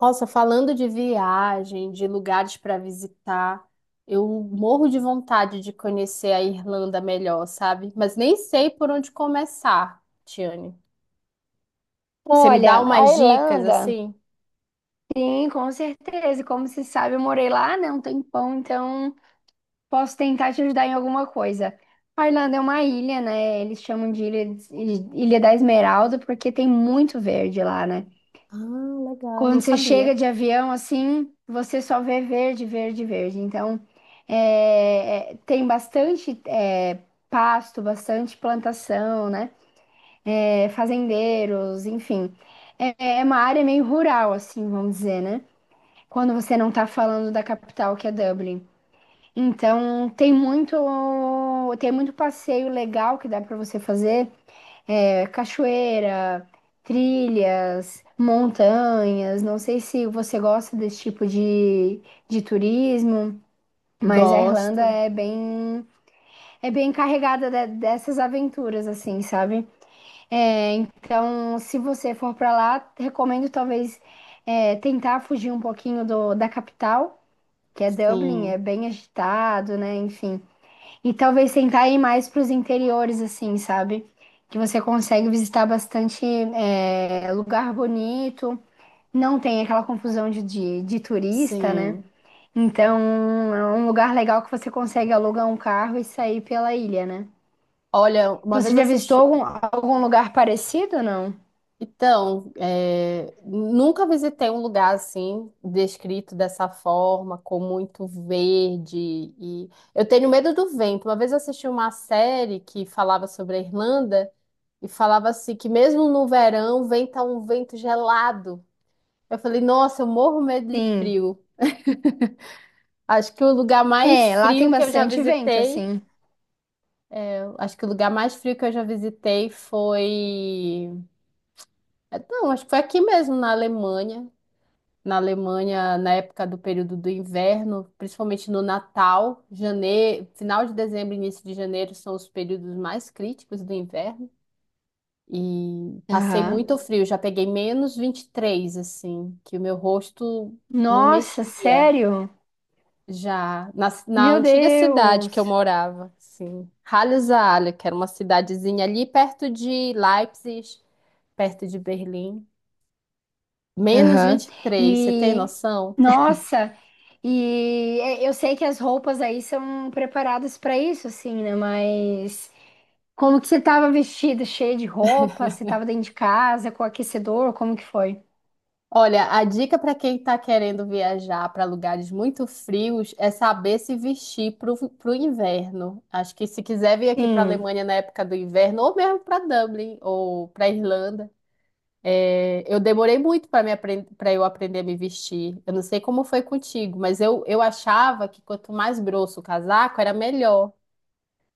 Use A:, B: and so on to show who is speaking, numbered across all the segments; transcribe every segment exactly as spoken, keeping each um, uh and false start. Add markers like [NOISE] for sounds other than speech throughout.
A: Nossa, falando de viagem, de lugares para visitar, eu morro de vontade de conhecer a Irlanda melhor, sabe? Mas nem sei por onde começar, Tiane. Você me dá
B: Olha, a
A: umas dicas
B: Irlanda,
A: assim?
B: sim, com certeza. E como se sabe, eu morei lá, né, um tempão, então posso tentar te ajudar em alguma coisa. A Irlanda é uma ilha, né? Eles chamam de Ilha, Ilha da Esmeralda porque tem muito verde lá, né?
A: Ah, legal, não
B: Quando você
A: sabia.
B: chega de avião, assim, você só vê verde, verde, verde. Então, é, é, tem bastante é, pasto, bastante plantação, né? É, fazendeiros, enfim. É, é uma área meio rural, assim, vamos dizer, né? Quando você não tá falando da capital, que é Dublin. Então, tem muito, tem muito passeio legal que dá para você fazer, é, cachoeira, trilhas, montanhas. Não sei se você gosta desse tipo de, de turismo, mas a Irlanda
A: Gosto,
B: é bem, é bem carregada de- dessas aventuras, assim, sabe? É, então, se você for para lá, recomendo talvez é, tentar fugir um pouquinho do, da capital, que é Dublin, é
A: sim,
B: bem agitado, né? Enfim. E talvez tentar ir mais para os interiores, assim, sabe? Que você consegue visitar bastante é, lugar bonito, não tem aquela confusão de, de, de turista, né?
A: sim.
B: Então, é um lugar legal que você consegue alugar um carro e sair pela ilha, né?
A: Olha, uma vez
B: Você
A: eu
B: já visitou
A: assisti.
B: algum, algum lugar parecido, não?
A: Então, é, nunca visitei um lugar assim, descrito dessa forma, com muito verde. E eu tenho medo do vento. Uma vez eu assisti uma série que falava sobre a Irlanda e falava assim que mesmo no verão venta um vento gelado. Eu falei, nossa, eu morro medo de
B: Sim.
A: frio. Acho que o lugar mais
B: É, lá tem
A: frio que eu já
B: bastante vento,
A: visitei,
B: assim.
A: eu acho que o lugar mais frio que eu já visitei foi, eh, não, acho que foi aqui mesmo na Alemanha. Na Alemanha na época do período do inverno, principalmente no Natal, janeiro, final de dezembro, início de janeiro são os períodos mais críticos do inverno. E passei
B: Aham.
A: muito frio, já peguei menos vinte e três, assim, que o meu rosto não
B: Nossa,
A: mexia
B: sério?
A: já na, na
B: Meu
A: antiga cidade que eu
B: Deus!
A: morava, assim, Halle-Saale, que era uma cidadezinha ali perto de Leipzig, perto de Berlim. Menos
B: Aham.
A: vinte e três. Você tem
B: E,
A: noção?
B: nossa, e é, eu sei que as roupas aí são preparadas para isso, assim, né? Mas como que você tava vestida, cheia de roupa? Você tava dentro de casa, com aquecedor? Como que foi?
A: Olha, a dica para quem está querendo viajar para lugares muito frios é saber se vestir para o inverno. Acho que se quiser vir aqui para a
B: Sim,
A: Alemanha na época do inverno, ou mesmo para Dublin ou para Irlanda, é, eu demorei muito para me aprend... para eu aprender a me vestir. Eu não sei como foi contigo, mas eu, eu achava que quanto mais grosso o casaco era melhor.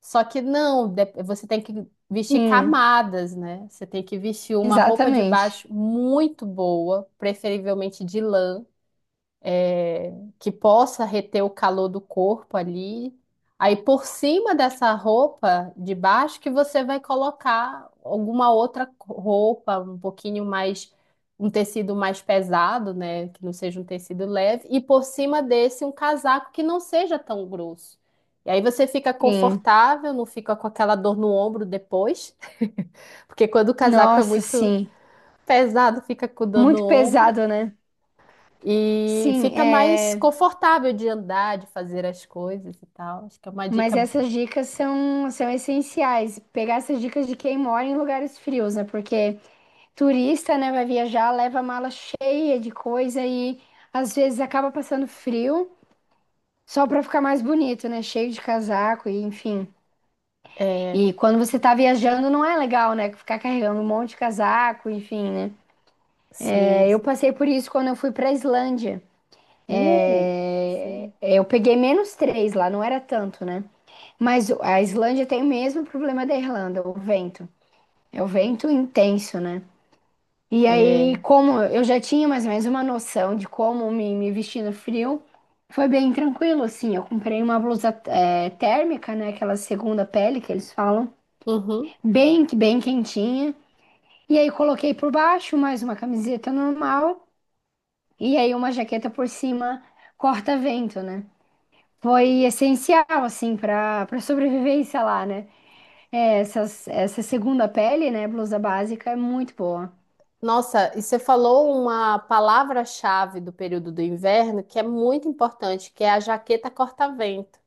A: Só que não, de- você tem que vestir
B: sim,
A: camadas, né? Você tem que vestir uma roupa de
B: exatamente.
A: baixo muito boa, preferivelmente de lã que possa reter o calor do corpo ali. Aí por cima dessa roupa de baixo que você vai colocar alguma outra roupa, um pouquinho mais, um tecido mais pesado, né? Que não seja um tecido leve. E por cima desse um casaco que não seja tão grosso. E aí você fica
B: Sim.
A: confortável, não fica com aquela dor no ombro depois. [LAUGHS] Porque quando o casaco é
B: Nossa,
A: muito
B: sim.
A: pesado, fica com dor no
B: Muito
A: ombro.
B: pesado, né?
A: E
B: Sim,
A: fica mais
B: é.
A: confortável de andar, de fazer as coisas e tal. Acho que é uma
B: Mas
A: dica,
B: essas dicas são, são essenciais. Pegar essas dicas de quem mora em lugares frios, né? Porque turista, né, vai viajar, leva a mala cheia de coisa e às vezes acaba passando frio só para ficar mais bonito, né? Cheio de casaco e enfim.
A: é,
B: E quando você tá viajando, não é legal, né? Ficar carregando um monte de casaco, enfim, né?
A: sim.
B: É, eu passei por isso quando eu fui pra Islândia.
A: Uh,
B: É,
A: sim.
B: eu peguei menos três lá, não era tanto, né? Mas a Islândia tem o mesmo problema da Irlanda, o vento. É o vento intenso, né? E aí,
A: É,
B: como eu já tinha mais ou menos uma noção de como me, me vestir no frio, foi bem tranquilo, assim. Eu comprei uma blusa é, térmica, né? Aquela segunda pele que eles falam,
A: uhum.
B: bem, bem quentinha. E aí, coloquei por baixo mais uma camiseta normal e aí uma jaqueta por cima corta-vento, né? Foi essencial, assim, para para sobrevivência lá, né? É, essas, essa segunda pele, né, blusa básica, é muito boa.
A: Nossa, e você falou uma palavra-chave do período do inverno que é muito importante, que é a jaqueta corta-vento.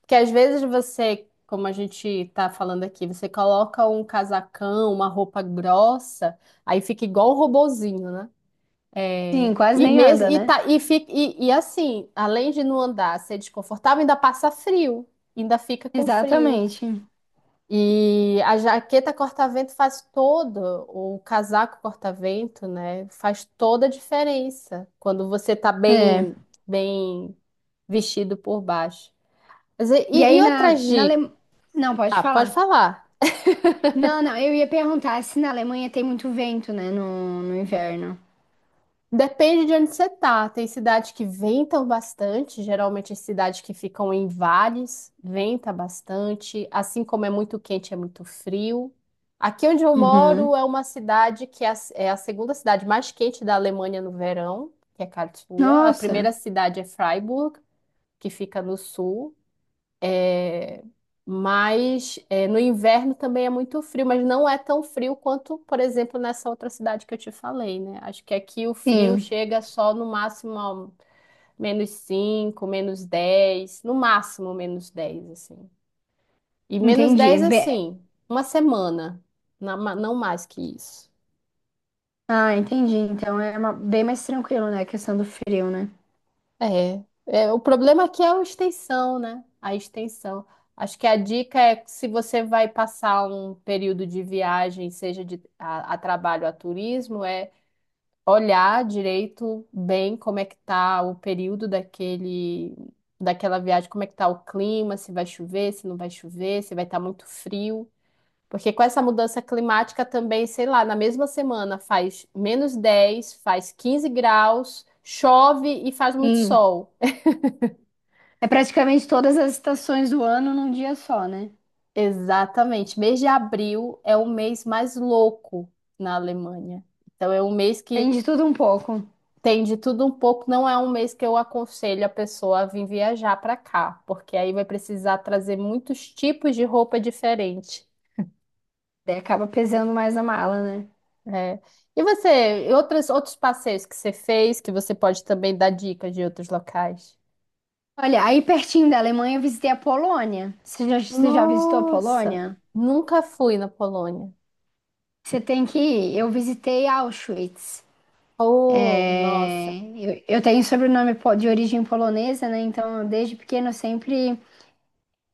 A: Porque às vezes você, como a gente está falando aqui, você coloca um casacão, uma roupa grossa, aí fica igual um robozinho, né?
B: Sim,
A: É,
B: quase
A: e
B: nem
A: mesmo
B: anda,
A: e,
B: né?
A: tá, e, fica, e, e Assim, além de não andar, ser desconfortável, ainda passa frio, ainda fica com frio.
B: Exatamente.
A: E a jaqueta corta-vento faz todo, o casaco corta-vento, né? Faz toda a diferença quando você tá
B: É.
A: bem, bem vestido por baixo. Mas E,
B: E
A: e
B: aí
A: e
B: na,
A: outras
B: na Ale...
A: dicas?
B: Não, pode
A: Ah, pode
B: falar.
A: falar.
B: Não, não, eu ia perguntar se na Alemanha tem muito vento, né, no, no inverno.
A: Depende de onde você tá. Tem cidades que ventam bastante, geralmente as cidades que ficam em vales, venta bastante, assim como é muito quente, é muito frio. Aqui onde eu
B: Uhum.
A: moro é uma cidade que é a, é a segunda cidade mais quente da Alemanha no verão, que é Karlsruhe. A
B: Nossa,
A: primeira cidade é Freiburg, que fica no sul. É, mas é, no inverno também é muito frio, mas não é tão frio quanto, por exemplo, nessa outra cidade que eu te falei, né? Acho que aqui o frio
B: sim,
A: chega só no máximo a menos cinco menos dez no máximo menos dez assim. E menos
B: entendi.
A: dez
B: Be-
A: assim, uma semana, na- ma- não mais que isso.
B: Ah, entendi. Então é uma- bem mais tranquilo, né, a questão do frio, né?
A: É, é, o problema aqui é a extensão, né? A extensão. Acho que a dica é que se você vai passar um período de viagem, seja de, a, a trabalho, a turismo, é olhar direito bem como é que tá o período daquele, daquela viagem, como é que tá o clima, se vai chover, se não vai chover, se vai estar muito frio. Porque com essa mudança climática também, sei lá, na mesma semana faz menos dez, faz quinze graus, chove e faz muito
B: Sim.
A: sol.
B: É praticamente todas as estações do ano num dia só, né?
A: Exatamente. Mês de abril é o mês mais louco na Alemanha. Então é um mês
B: Tem
A: que
B: de tudo um pouco.
A: tem de tudo um pouco. Não é um mês que eu aconselho a pessoa a vir viajar para cá, porque aí vai precisar trazer muitos tipos de roupa diferente.
B: Daí acaba pesando mais a mala, né?
A: Né? E você, e outras, outros passeios que você fez, que você pode também dar dicas de outros locais?
B: Olha, aí pertinho da Alemanha eu visitei a Polônia. Você já, você já visitou a
A: Nossa,
B: Polônia?
A: nunca fui na Polônia.
B: Você tem que ir. Eu visitei Auschwitz.
A: Oh, nossa,
B: É, eu, eu tenho sobrenome po- de origem polonesa, né? Então, desde pequeno eu sempre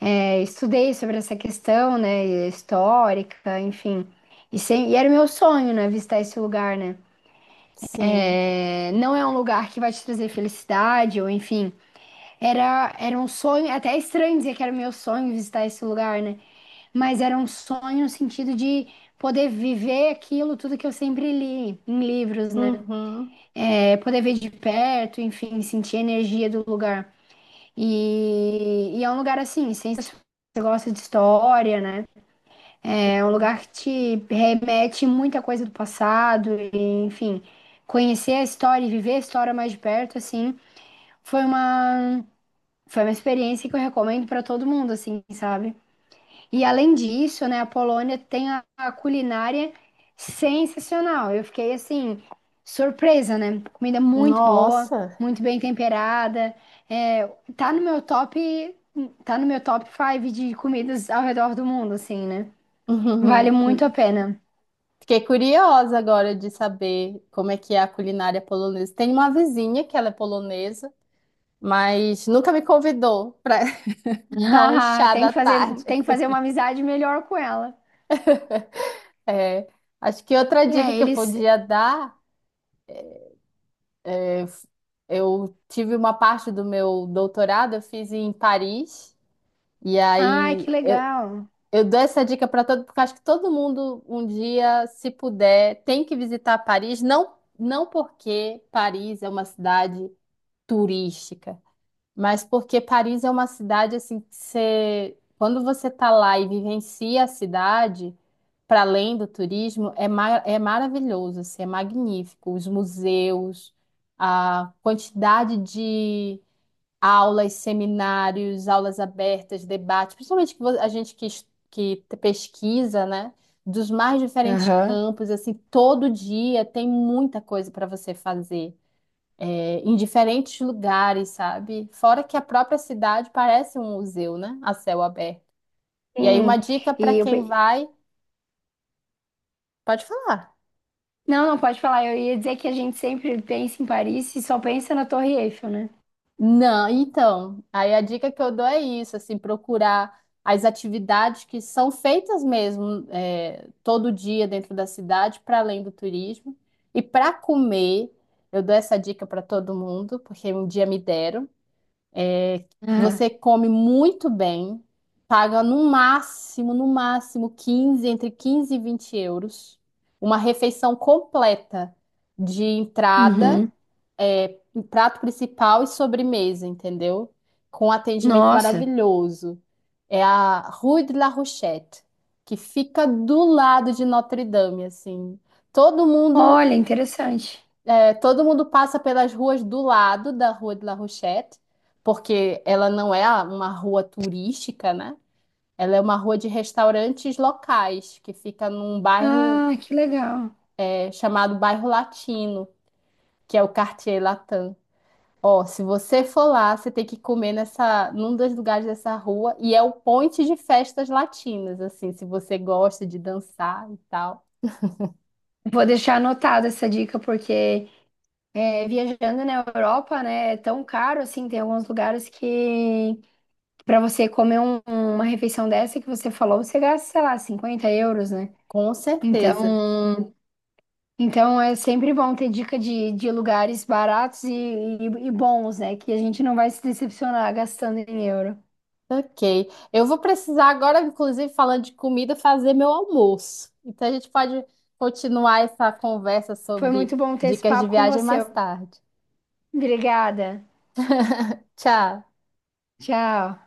B: é, estudei sobre essa questão, né? Histórica, enfim. E, sem- e era o meu sonho, né? Visitar esse lugar, né?
A: sim.
B: É, não é um lugar que vai te trazer felicidade, ou enfim. Era, era um sonho, é até é estranho dizer que era o meu sonho visitar esse lugar, né? Mas era um sonho no sentido de poder viver aquilo, tudo que eu sempre li em livros, né?
A: Uhum.
B: É, poder ver de perto, enfim, sentir a energia do lugar. E, e é um lugar assim, sensacional. Você gosta de história, né? É um lugar que te remete muita coisa do passado, e, enfim, conhecer a história e viver a história mais de perto, assim, foi uma, foi uma experiência que eu recomendo para todo mundo, assim, sabe? E além disso, né, a Polônia tem a, a culinária sensacional. Eu fiquei assim, surpresa, né? Comida muito boa,
A: Nossa.
B: muito bem temperada. É, tá no meu top, tá no meu top cinco de comidas ao redor do mundo, assim, né? Vale
A: Uhum.
B: muito a pena.
A: Fiquei curiosa agora de saber como é que é a culinária polonesa. Tem uma vizinha que ela é polonesa, mas nunca me convidou para [LAUGHS] um
B: [LAUGHS]
A: chá
B: Tem
A: da
B: que fazer,
A: tarde.
B: tem que fazer uma amizade melhor com ela.
A: [LAUGHS] É, acho que outra dica
B: É,
A: que eu
B: eles.
A: podia dar, eu tive uma parte do meu doutorado, eu fiz em Paris, e
B: Ai,
A: aí
B: que legal.
A: eu dou essa dica para todo, porque acho que todo mundo um dia, se puder, tem que visitar Paris, não. Não porque Paris é uma cidade turística, mas porque Paris é uma cidade assim que você, quando você tá lá e vivencia a cidade, para além do turismo, é, ma- é maravilhoso, assim, é magnífico. Os museus, a quantidade de aulas, seminários, aulas abertas, debates, principalmente que vo- a gente que, es- que te- pesquisa, né? Dos mais diferentes
B: Aham.
A: campos, assim, todo dia tem muita coisa para você fazer é, em diferentes lugares, sabe? Fora que a própria cidade parece um museu, né? A céu aberto. E aí, uma
B: Sim.
A: dica para
B: E eu,
A: quem
B: pe-
A: vai, pode falar.
B: Não, não pode falar. Eu ia dizer que a gente sempre pensa em Paris e só pensa na Torre Eiffel, né?
A: Não, então, aí a dica que eu dou é isso, assim, procurar as atividades que são feitas mesmo é, todo dia dentro da cidade, para além do turismo. E para comer, eu dou essa dica para todo mundo, porque um dia me deram.
B: Ah,
A: Você come muito bem, paga no máximo, no máximo quinze, entre quinze e vinte euros, uma refeição completa de entrada,
B: uhum.
A: é, um prato principal e sobremesa, entendeu? Com atendimento
B: Nossa.
A: maravilhoso. É a Rue de la Rochette, que fica do lado de Notre Dame, assim. Todo mundo
B: Olha, interessante.
A: é, todo mundo passa pelas ruas do lado da Rua de La Rochette, porque ela não é a- uma rua turística, né? Ela é uma rua de restaurantes locais, que fica num bairro
B: Ah, que legal.
A: é, chamado Bairro Latino, que é o Quartier Latin. Ó, se você for lá, você tem que comer nessa, num dos lugares dessa rua, e é o ponte de festas latinas, assim, se você gosta de dançar e tal.
B: Vou deixar anotada essa dica, porque é, viajando na Europa, né, é tão caro assim, tem alguns lugares que para você comer um- uma refeição dessa que você falou, você gasta, sei lá, cinquenta euros, né?
A: Com certeza.
B: Então, então é sempre bom ter dica de, de lugares baratos e, e- e bons, né? Que a gente não vai se decepcionar gastando em euro.
A: Ok. Eu vou precisar agora, inclusive, falando de comida, fazer meu almoço. Então a gente pode continuar essa conversa
B: Foi
A: sobre
B: muito bom ter esse
A: dicas de
B: papo com
A: viagem
B: você.
A: mais tarde.
B: Obrigada.
A: Tchau.
B: Tchau.